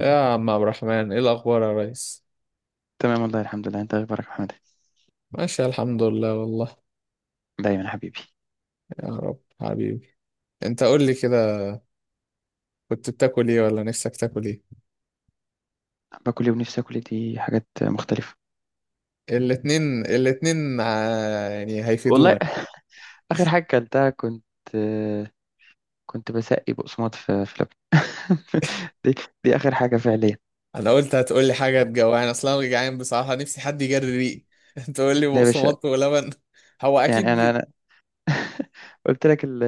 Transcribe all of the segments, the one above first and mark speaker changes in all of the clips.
Speaker 1: يا عم عبد الرحمن، ايه الاخبار يا ريس؟
Speaker 2: تمام والله، الحمد لله. انت اخبارك يا محمد؟
Speaker 1: ماشي، الحمد لله والله.
Speaker 2: دايما يا حبيبي.
Speaker 1: يا رب حبيبي. انت قول لي كده، كنت بتاكل ايه ولا نفسك تاكل ايه؟
Speaker 2: باكل ايه ونفسي اكل ايه، دي حاجات مختلفه.
Speaker 1: الاتنين الاتنين، يعني
Speaker 2: والله.
Speaker 1: هيفيدونا.
Speaker 2: اخر حاجه اكلتها، كنت بسقي بقسماط في لبن. دي دي اخر حاجه فعليا.
Speaker 1: انا قلت هتقول لي حاجه تجوعني، اصلا انا جعان بصراحه، نفسي حد يجري ريقي. انت تقول لي
Speaker 2: لا يا باشا.
Speaker 1: بقسماط ولبن؟ هو
Speaker 2: يعني انا
Speaker 1: اكيد.
Speaker 2: انا قلت لك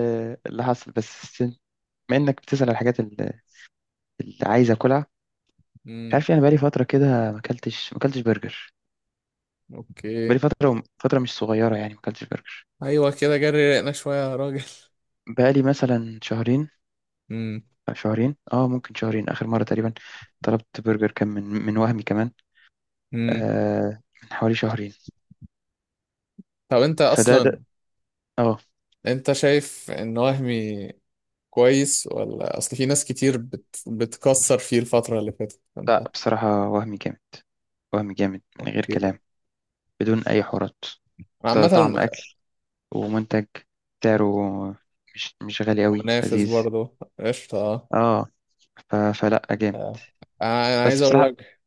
Speaker 2: اللي حصل بس، بما انك بتسال على الحاجات اللي عايز اكلها. مش
Speaker 1: امم
Speaker 2: عارف، يعني بقالي فتره كده ما اكلتش برجر.
Speaker 1: اوكي.
Speaker 2: بقالي فتره، فتره مش صغيره يعني، ما اكلتش برجر.
Speaker 1: ايوه كده، جري ريقنا شويه يا راجل.
Speaker 2: بقالي مثلا شهرين.
Speaker 1: امم.
Speaker 2: شهرين، ممكن شهرين اخر مره تقريبا طلبت برجر، كان من وهمي كمان.
Speaker 1: امم.
Speaker 2: من حوالي شهرين.
Speaker 1: طب انت
Speaker 2: فده
Speaker 1: اصلا،
Speaker 2: ده اه
Speaker 1: انت شايف ان وهمي كويس، ولا اصل في ناس كتير بتكسر فيه الفترة اللي فاتت؟ انت
Speaker 2: لا، بصراحه وهمي جامد. وهمي جامد من غير
Speaker 1: اوكي.
Speaker 2: كلام. بدون اي حوارات.
Speaker 1: أنا عامة
Speaker 2: طعم اكل، ومنتج، سعره مش غالي قوي،
Speaker 1: منافس
Speaker 2: لذيذ.
Speaker 1: برضه، قشطة. آه.
Speaker 2: اه. فلا جامد.
Speaker 1: آه، انا
Speaker 2: بس
Speaker 1: عايز اقول
Speaker 2: بصراحه،
Speaker 1: لك،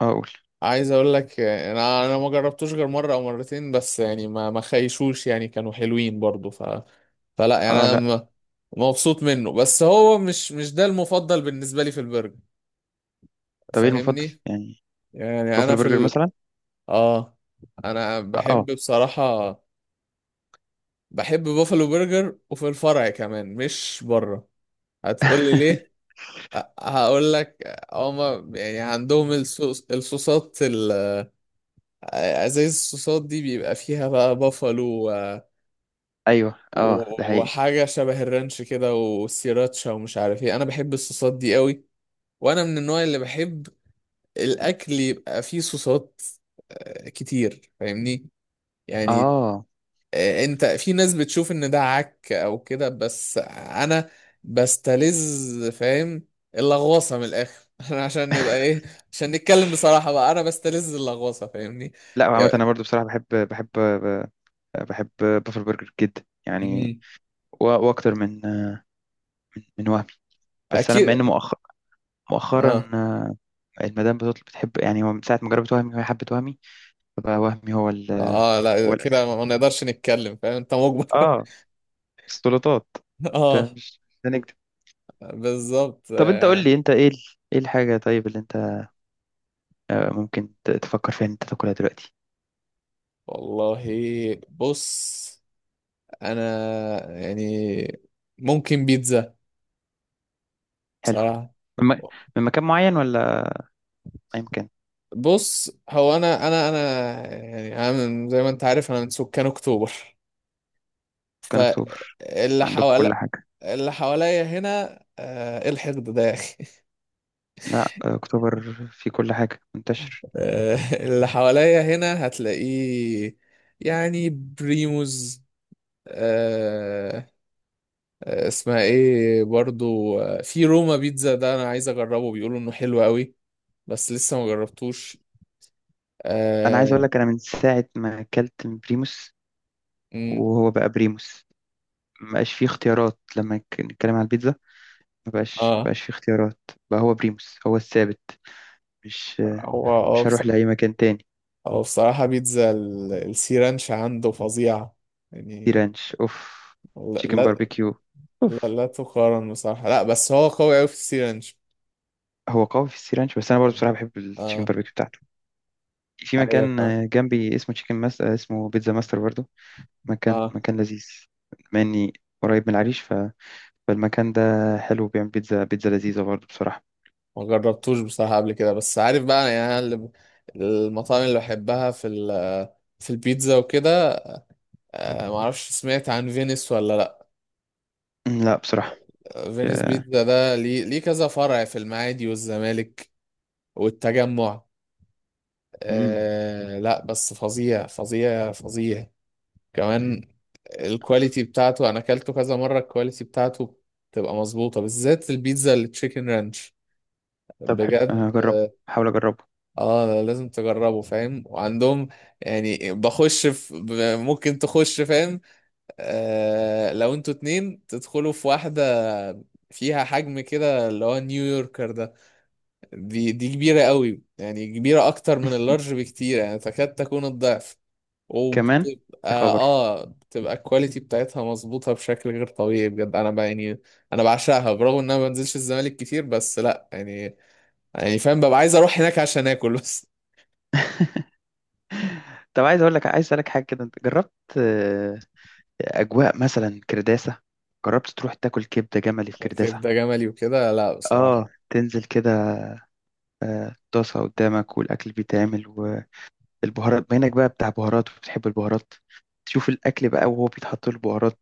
Speaker 2: اه اقول.
Speaker 1: آه، انا ما جربتوش غير مرة او مرتين بس، يعني ما خيشوش يعني، كانوا حلوين برضه. فلا يعني
Speaker 2: اه،
Speaker 1: انا
Speaker 2: لا.
Speaker 1: مبسوط منه، بس هو مش ده المفضل بالنسبة لي في البرجر،
Speaker 2: طب ايه المفضل
Speaker 1: فاهمني.
Speaker 2: يعني؟
Speaker 1: يعني انا
Speaker 2: بافلو
Speaker 1: في
Speaker 2: برجر مثلا؟
Speaker 1: اه، انا
Speaker 2: اه.
Speaker 1: بحب بصراحة، بحب بوفالو برجر، وفي الفرع كمان مش بره. هتقولي ليه؟ أ- هقول لك، هما يعني عندهم الصوصات ازايز الصوصات دي بيبقى فيها بقى بافالو، و-
Speaker 2: ايوه، اه، ده حقيقي.
Speaker 1: وحاجة شبه الرانش كده، والسيراتشا، ومش عارف ايه، انا بحب الصوصات دي قوي. وانا من النوع اللي بحب الاكل يبقى فيه صوصات آه، كتير، فاهمني يعني.
Speaker 2: اه،
Speaker 1: آه، انت في ناس بتشوف ان ده عك او كده، بس انا بستلذ، فاهم، اللغوصه من الاخر. انا عشان نبقى ايه، عشان نتكلم بصراحه بقى، انا بستلذ اللغوصه، فاهمني.
Speaker 2: لا، عامة
Speaker 1: يا-
Speaker 2: انا برضو بصراحة، بحب بافل برجر جدا يعني.
Speaker 1: مم.
Speaker 2: واكتر من وهمي. بس انا بما ان
Speaker 1: اكيد.
Speaker 2: مؤخرا،
Speaker 1: اه.
Speaker 2: المدام بتطلب بتحب، يعني هو من ساعه ما جربت وهمي وهي حبت وهمي. فبقى وهمي، هو ال...
Speaker 1: اه لا،
Speaker 2: هو
Speaker 1: إذا كده
Speaker 2: الاساس.
Speaker 1: ما نقدرش نتكلم، فاهم انت مجبر.
Speaker 2: اه. سلطات. مش
Speaker 1: اه،
Speaker 2: مش هنكدب.
Speaker 1: بالظبط
Speaker 2: طب انت قول
Speaker 1: آه.
Speaker 2: لي، انت ايه الحاجه طيب اللي انت ممكن تفكر فيها ان انت تاكلها دلوقتي؟
Speaker 1: والله، بص، انا يعني ممكن بيتزا
Speaker 2: حلو.
Speaker 1: بصراحه.
Speaker 2: من, م... من مكان معين ولا اي مكان؟
Speaker 1: بص هو انا يعني انا زي ما انت عارف انا من سكان اكتوبر،
Speaker 2: كان اكتوبر.
Speaker 1: فاللي
Speaker 2: عندكم كل
Speaker 1: حوالي،
Speaker 2: حاجه.
Speaker 1: اللي حواليا هنا آه، ايه الحقد ده يا اخي؟
Speaker 2: لا، آه، اكتوبر في كل حاجه منتشر.
Speaker 1: آه، اللي حواليا هنا هتلاقيه، يعني بريموز، آه، آه، اسمها ايه برضو، آه، في روما بيتزا ده انا عايز اجربه، بيقولوا انه حلو قوي، بس لسه ما جربتوش.
Speaker 2: انا عايز اقول
Speaker 1: اه.
Speaker 2: لك، انا من ساعه ما اكلت من بريموس،
Speaker 1: مم.
Speaker 2: وهو بقى بريموس، ما بقاش فيه اختيارات لما نتكلم على البيتزا. ما بقاش ما
Speaker 1: آه.
Speaker 2: بقاش فيه اختيارات. بقى هو بريموس هو الثابت. مش
Speaker 1: هو اه،
Speaker 2: مش هروح لاي مكان تاني.
Speaker 1: هو بصراحة بيتزا السي رانش عنده فظيعة،
Speaker 2: سي
Speaker 1: يعني.
Speaker 2: رانش اوف.
Speaker 1: لا،
Speaker 2: تشيكن
Speaker 1: لا.
Speaker 2: باربيكيو
Speaker 1: لا،
Speaker 2: اوف.
Speaker 1: لا تقارن بصراحة، لا بس هو قوي أوي في السي رانش.
Speaker 2: هو قوي في السي رانش، بس انا برضه بصراحه بحب التشيكن
Speaker 1: اه.
Speaker 2: باربيكيو بتاعته. في
Speaker 1: أيوة،
Speaker 2: مكان
Speaker 1: فاهم.
Speaker 2: جنبي اسمه تشيكن ماس، اسمه بيتزا ماستر برضه. مكان
Speaker 1: اه،
Speaker 2: مكان لذيذ. بما اني قريب من العريش، فالمكان ده حلو، بيعمل بيتزا لذيذه برضه بصراحه.
Speaker 1: ما جربتوش بصراحة قبل كده، بس عارف بقى يعني أنا اللي المطاعم اللي بحبها في ال، في البيتزا وكده، آه معرفش، سمعت عن فينيس ولا لأ؟
Speaker 2: لا بصراحه.
Speaker 1: فينيس
Speaker 2: يا-
Speaker 1: بيتزا ده ليه كذا فرع في المعادي والزمالك والتجمع،
Speaker 2: مم.
Speaker 1: آه لا بس فظيع فظيع فظيع كمان. الكواليتي بتاعته انا اكلته كذا مره، الكواليتي بتاعته بتبقى مظبوطه، بالذات البيتزا التشيكن رانش،
Speaker 2: طب حلو، أنا
Speaker 1: بجد.
Speaker 2: هحاول اجربه.
Speaker 1: اه لازم تجربه، فاهم، وعندهم يعني بخش في ممكن تخش، فاهم، آه لو انتوا اتنين تدخلوا في واحده، فيها حجم كده اللي هو نيويوركر ده، دي كبيره قوي، يعني كبيره اكتر من اللارج بكتير، يعني تكاد تكون الضعف،
Speaker 2: كمان.
Speaker 1: وبتبقى
Speaker 2: يا خبر!
Speaker 1: اه بتبقى الكواليتي بتاعتها مظبوطة بشكل غير طبيعي بجد. انا بقى يعني، انا بعشقها برغم ان انا ما بنزلش الزمالك كتير، بس لا يعني، يعني فاهم، ببقى عايز اروح هناك عشان اكل بس.
Speaker 2: طب عايز اقول لك عايز اسالك حاجه كده، انت جربت آه، اجواء مثلا كرداسه؟ جربت تروح تاكل كبده جملي في كرداسه؟
Speaker 1: كبدة جملي وكده؟ لا بصراحة.
Speaker 2: اه، تنزل كده، طاسه قدامك والاكل بيتعمل، والبهارات ما هناك بقى بتاع بهارات، وبتحب البهارات، تشوف الاكل بقى وهو بيتحط له البهارات،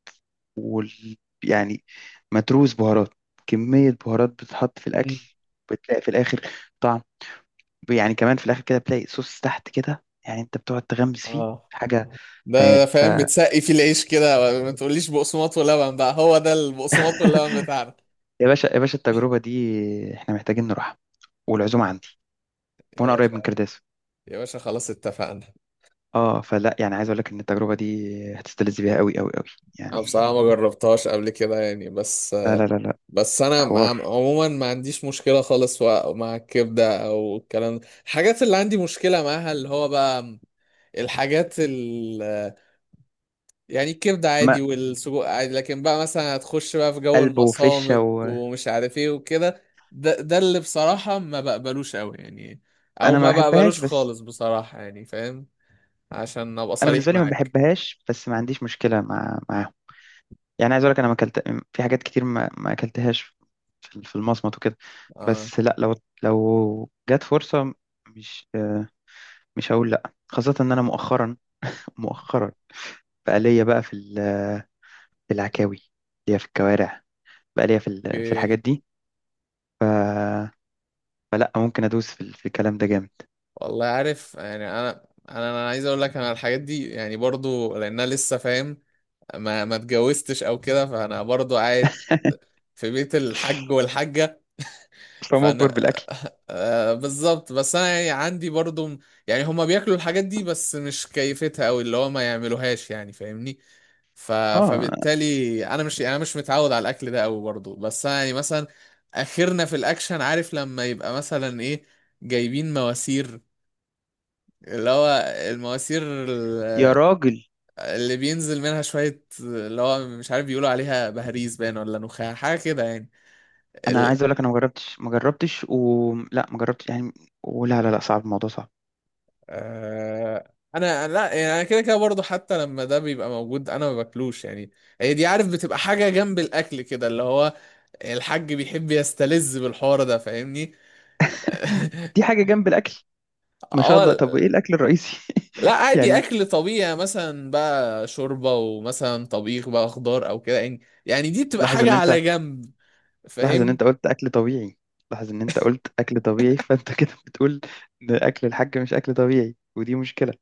Speaker 2: وال... يعني متروس بهارات، كميه بهارات بتتحط في الاكل.
Speaker 1: مم.
Speaker 2: بتلاقي في الاخر، يعني كمان في الاخر كده بتلاقي صوص تحت كده، يعني انت بتقعد تغمس فيه
Speaker 1: اه،
Speaker 2: حاجه
Speaker 1: ده
Speaker 2: خيال.
Speaker 1: ده فاهم، بتسقي فيه العيش كده، ما تقوليش بقسماط ولبن بقى، هو ده البقسماط واللبن بتاعنا.
Speaker 2: يا باشا، يا باشا، التجربه دي احنا محتاجين نروحها، والعزومه عندي،
Speaker 1: يا
Speaker 2: وانا قريب
Speaker 1: باشا،
Speaker 2: من كرداس.
Speaker 1: يا باشا، خلاص اتفقنا.
Speaker 2: اه، فلا يعني عايز اقول لك ان التجربه دي هتستلذ بيها قوي قوي قوي،
Speaker 1: انا
Speaker 2: يعني.
Speaker 1: بصراحة ما جربتهاش قبل كده يعني، بس،
Speaker 2: لا، لا، لا، لا،
Speaker 1: بس انا
Speaker 2: حوار.
Speaker 1: عموما ما عنديش مشكله خالص مع الكبده او الكلام ده، الحاجات اللي عندي مشكله معاها اللي هو بقى، الحاجات ال، يعني الكبده عادي
Speaker 2: ما
Speaker 1: والسجق عادي، لكن بقى مثلا هتخش بقى في جو
Speaker 2: قلب وفشه
Speaker 1: المصامت
Speaker 2: وانا،
Speaker 1: ومش عارف ايه وكده، ده اللي بصراحه ما بقبلوش قوي يعني، او
Speaker 2: ما
Speaker 1: ما
Speaker 2: بحبهاش،
Speaker 1: بقبلوش
Speaker 2: بس
Speaker 1: خالص بصراحه يعني، فاهم، عشان ابقى
Speaker 2: انا
Speaker 1: صريح
Speaker 2: بالنسبه لي ما
Speaker 1: معاك.
Speaker 2: بحبهاش، بس ما عنديش مشكله معاهم. يعني عايز اقول لك انا ما اكلت في حاجات كتير ما اكلتهاش، في المصمت وكده.
Speaker 1: اه.
Speaker 2: بس لا، لو جت فرصة، مش آه، مش هقول لا، خاصة ان انا مؤخرا، مؤخرا بقى ليا بقى في في العكاوي، ليا في الكوارع، بقى ليا في في
Speaker 1: اوكي.
Speaker 2: الحاجات دي. ف... فلا ممكن ادوس في الكلام ده جامد.
Speaker 1: والله عارف يعني، انا، انا عايز اقول لك، انا الحاجات دي يعني برضو لانها لسه فاهم، ما اتجوزتش او كده، فانا برضو قاعد في بيت الحج والحجة،
Speaker 2: فمجبر
Speaker 1: فانا
Speaker 2: بالاكل.
Speaker 1: آه بالظبط، بس انا يعني عندي برضو يعني هما بياكلوا الحاجات دي بس مش كيفتها، او اللي هو ما يعملوهاش يعني، فاهمني، ف...
Speaker 2: اه.
Speaker 1: فبالتالي انا مش يعني، انا مش متعود على الاكل ده قوي برضو، بس انا يعني مثلا اخرنا في الاكشن، عارف، لما يبقى مثلا ايه، جايبين مواسير، اللي هو المواسير
Speaker 2: يا راجل.
Speaker 1: اللي بينزل منها شوية، اللي هو مش عارف، بيقولوا عليها بهاريز باين، ولا نخاع حاجة كده يعني،
Speaker 2: انا
Speaker 1: ال...
Speaker 2: عايز اقول لك انا ما جربتش، ما جربتش ولا ما جربتش يعني. ولا، لا، لا، صعب الموضوع صعب.
Speaker 1: أنا لا يعني، أنا كده كده برضه، حتى لما ده بيبقى موجود أنا ما باكلوش يعني، هي دي عارف بتبقى حاجة جنب الأكل كده، اللي هو الحاج بيحب يستلذ بالحوار ده، فاهمني.
Speaker 2: دي حاجة جنب الاكل، ما شاء الله. طب وايه
Speaker 1: اه
Speaker 2: الاكل الرئيسي؟
Speaker 1: لا، عادي
Speaker 2: يعني.
Speaker 1: اكل طبيعي، يعني مثلا بقى شوربه، ومثلا طبيخ بقى خضار او كده يعني دي بتبقى
Speaker 2: لاحظ
Speaker 1: حاجه
Speaker 2: ان انت
Speaker 1: على جنب،
Speaker 2: لاحظ ان
Speaker 1: فاهمني.
Speaker 2: انت قلت اكل طبيعي. لاحظ ان انت قلت اكل طبيعي، فانت كده بتقول ان اكل الحاج مش اكل طبيعي، ودي مشكلة.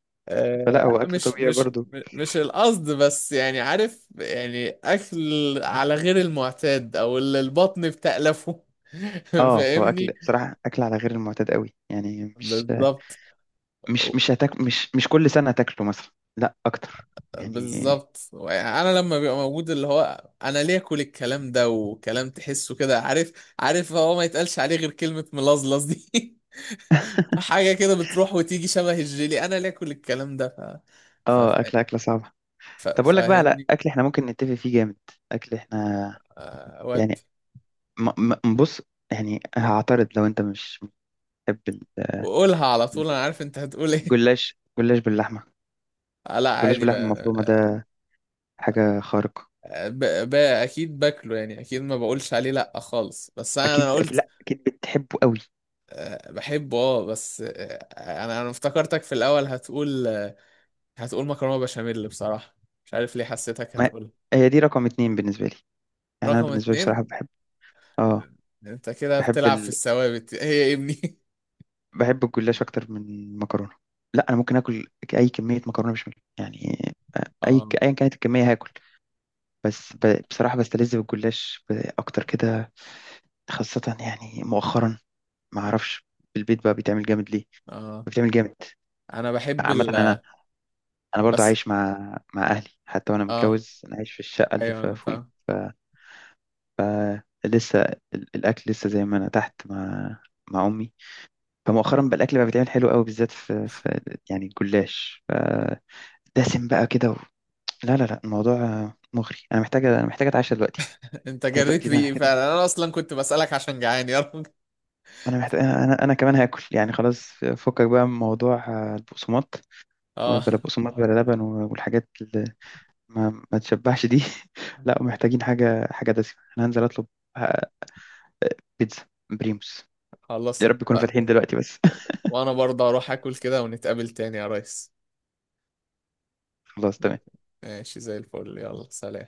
Speaker 2: فلا،
Speaker 1: آه
Speaker 2: هو
Speaker 1: لا،
Speaker 2: اكل
Speaker 1: مش
Speaker 2: طبيعي
Speaker 1: مش
Speaker 2: برضو.
Speaker 1: مش القصد، بس يعني عارف، يعني اكل على غير المعتاد، او اللي البطن بتألفه.
Speaker 2: اه، هو اكل
Speaker 1: فاهمني،
Speaker 2: بصراحة، اكل على غير المعتاد قوي يعني، مش،
Speaker 1: بالظبط.
Speaker 2: مش مش هتاك مش مش كل سنة هتاكله مثلا. لا اكتر، يعني.
Speaker 1: بالظبط، انا لما بيبقى موجود اللي هو، انا ليه اكل الكلام ده، وكلام تحسه كده، عارف، عارف هو ما يتقالش عليه غير كلمة ملظلظ دي. حاجة كده بتروح وتيجي شبه الجيلي، انا ليه اكل الكلام ده؟ ف... ف...
Speaker 2: اه، اكل، اكلة صعبة. طب اقول لك بقى على
Speaker 1: فاهمني.
Speaker 2: اكل احنا ممكن نتفق فيه جامد. اكل احنا،
Speaker 1: آه، ودي،
Speaker 2: يعني، م- بص. يعني هعترض لو انت مش بتحب،
Speaker 1: وقولها على طول، انا عارف انت هتقول ايه.
Speaker 2: جلاش باللحمة،
Speaker 1: آه، لا
Speaker 2: جلاش
Speaker 1: عادي
Speaker 2: باللحمة
Speaker 1: بقى،
Speaker 2: المفرومة ده حاجة خارقة.
Speaker 1: آه، اكيد باكله يعني، اكيد ما بقولش عليه لا خالص، بس انا
Speaker 2: أكيد،
Speaker 1: انا
Speaker 2: أكيد،
Speaker 1: قلت
Speaker 2: لأ أكيد بتحبه قوي.
Speaker 1: آه، بحبه، اه، بس آه، انا افتكرتك في الاول هتقول آه، هتقول مكرونه بشاميل بصراحه، مش عارف ليه حسيتك
Speaker 2: ما
Speaker 1: هتقول
Speaker 2: هي دي رقم 2 بالنسبة لي. يعني أنا
Speaker 1: رقم
Speaker 2: بالنسبة لي بصراحة
Speaker 1: اتنين.
Speaker 2: بحب، آه،
Speaker 1: انت كده
Speaker 2: بحب
Speaker 1: بتلعب في
Speaker 2: ال...
Speaker 1: الثوابت، هي يا ابني.
Speaker 2: بحب الجلاش أكتر من المكرونة. لأ أنا ممكن آكل أي كمية مكرونة بشاميل يعني.
Speaker 1: اه.
Speaker 2: أيا كانت الكمية هاكل. بس بصراحة بستلذ بالجلاش، أكتر كده، خاصة يعني مؤخرا. ما أعرفش، في البيت بقى بيتعمل جامد ليه.
Speaker 1: اه،
Speaker 2: بيتعمل جامد.
Speaker 1: انا بحب
Speaker 2: عامة
Speaker 1: ال،
Speaker 2: أنا، انا برضو
Speaker 1: بس،
Speaker 2: عايش مع اهلي، حتى وانا
Speaker 1: اه،
Speaker 2: متجوز انا عايش في الشقه اللي
Speaker 1: ايوه انا
Speaker 2: فوقيهم.
Speaker 1: فاهم.
Speaker 2: لسه الاكل لسه زي ما انا تحت مع امي. فمؤخرا بقى الاكل بقى بيتعمل حلو قوي، بالذات في يعني الجلاش، فدسم بقى كده. لا لا لا، الموضوع مغري، انا محتاجه اتعشى دلوقتي.
Speaker 1: انت
Speaker 2: ده
Speaker 1: جريت
Speaker 2: دلوقتي ده انا
Speaker 1: ريقي
Speaker 2: محتاجه.
Speaker 1: فعلا، انا اصلا كنت بسألك عشان جعان يا راجل.
Speaker 2: انا محتاج، انا انا أنا كمان هاكل يعني، خلاص. فكك بقى من موضوع البقسماط.
Speaker 1: اه،
Speaker 2: بلا بقسماط، بلا لبن والحاجات اللي ما تشبعش دي. لا، محتاجين حاجه دسمه، انا هنزل اطلب بيتزا بريموس. يا
Speaker 1: خلصت،
Speaker 2: رب يكونوا فاتحين دلوقتي بس.
Speaker 1: و- وانا برضه اروح اكل كده ونتقابل تاني يا ريس.
Speaker 2: خلاص، تمام.
Speaker 1: ماشي، زي الفل، يلا سلام.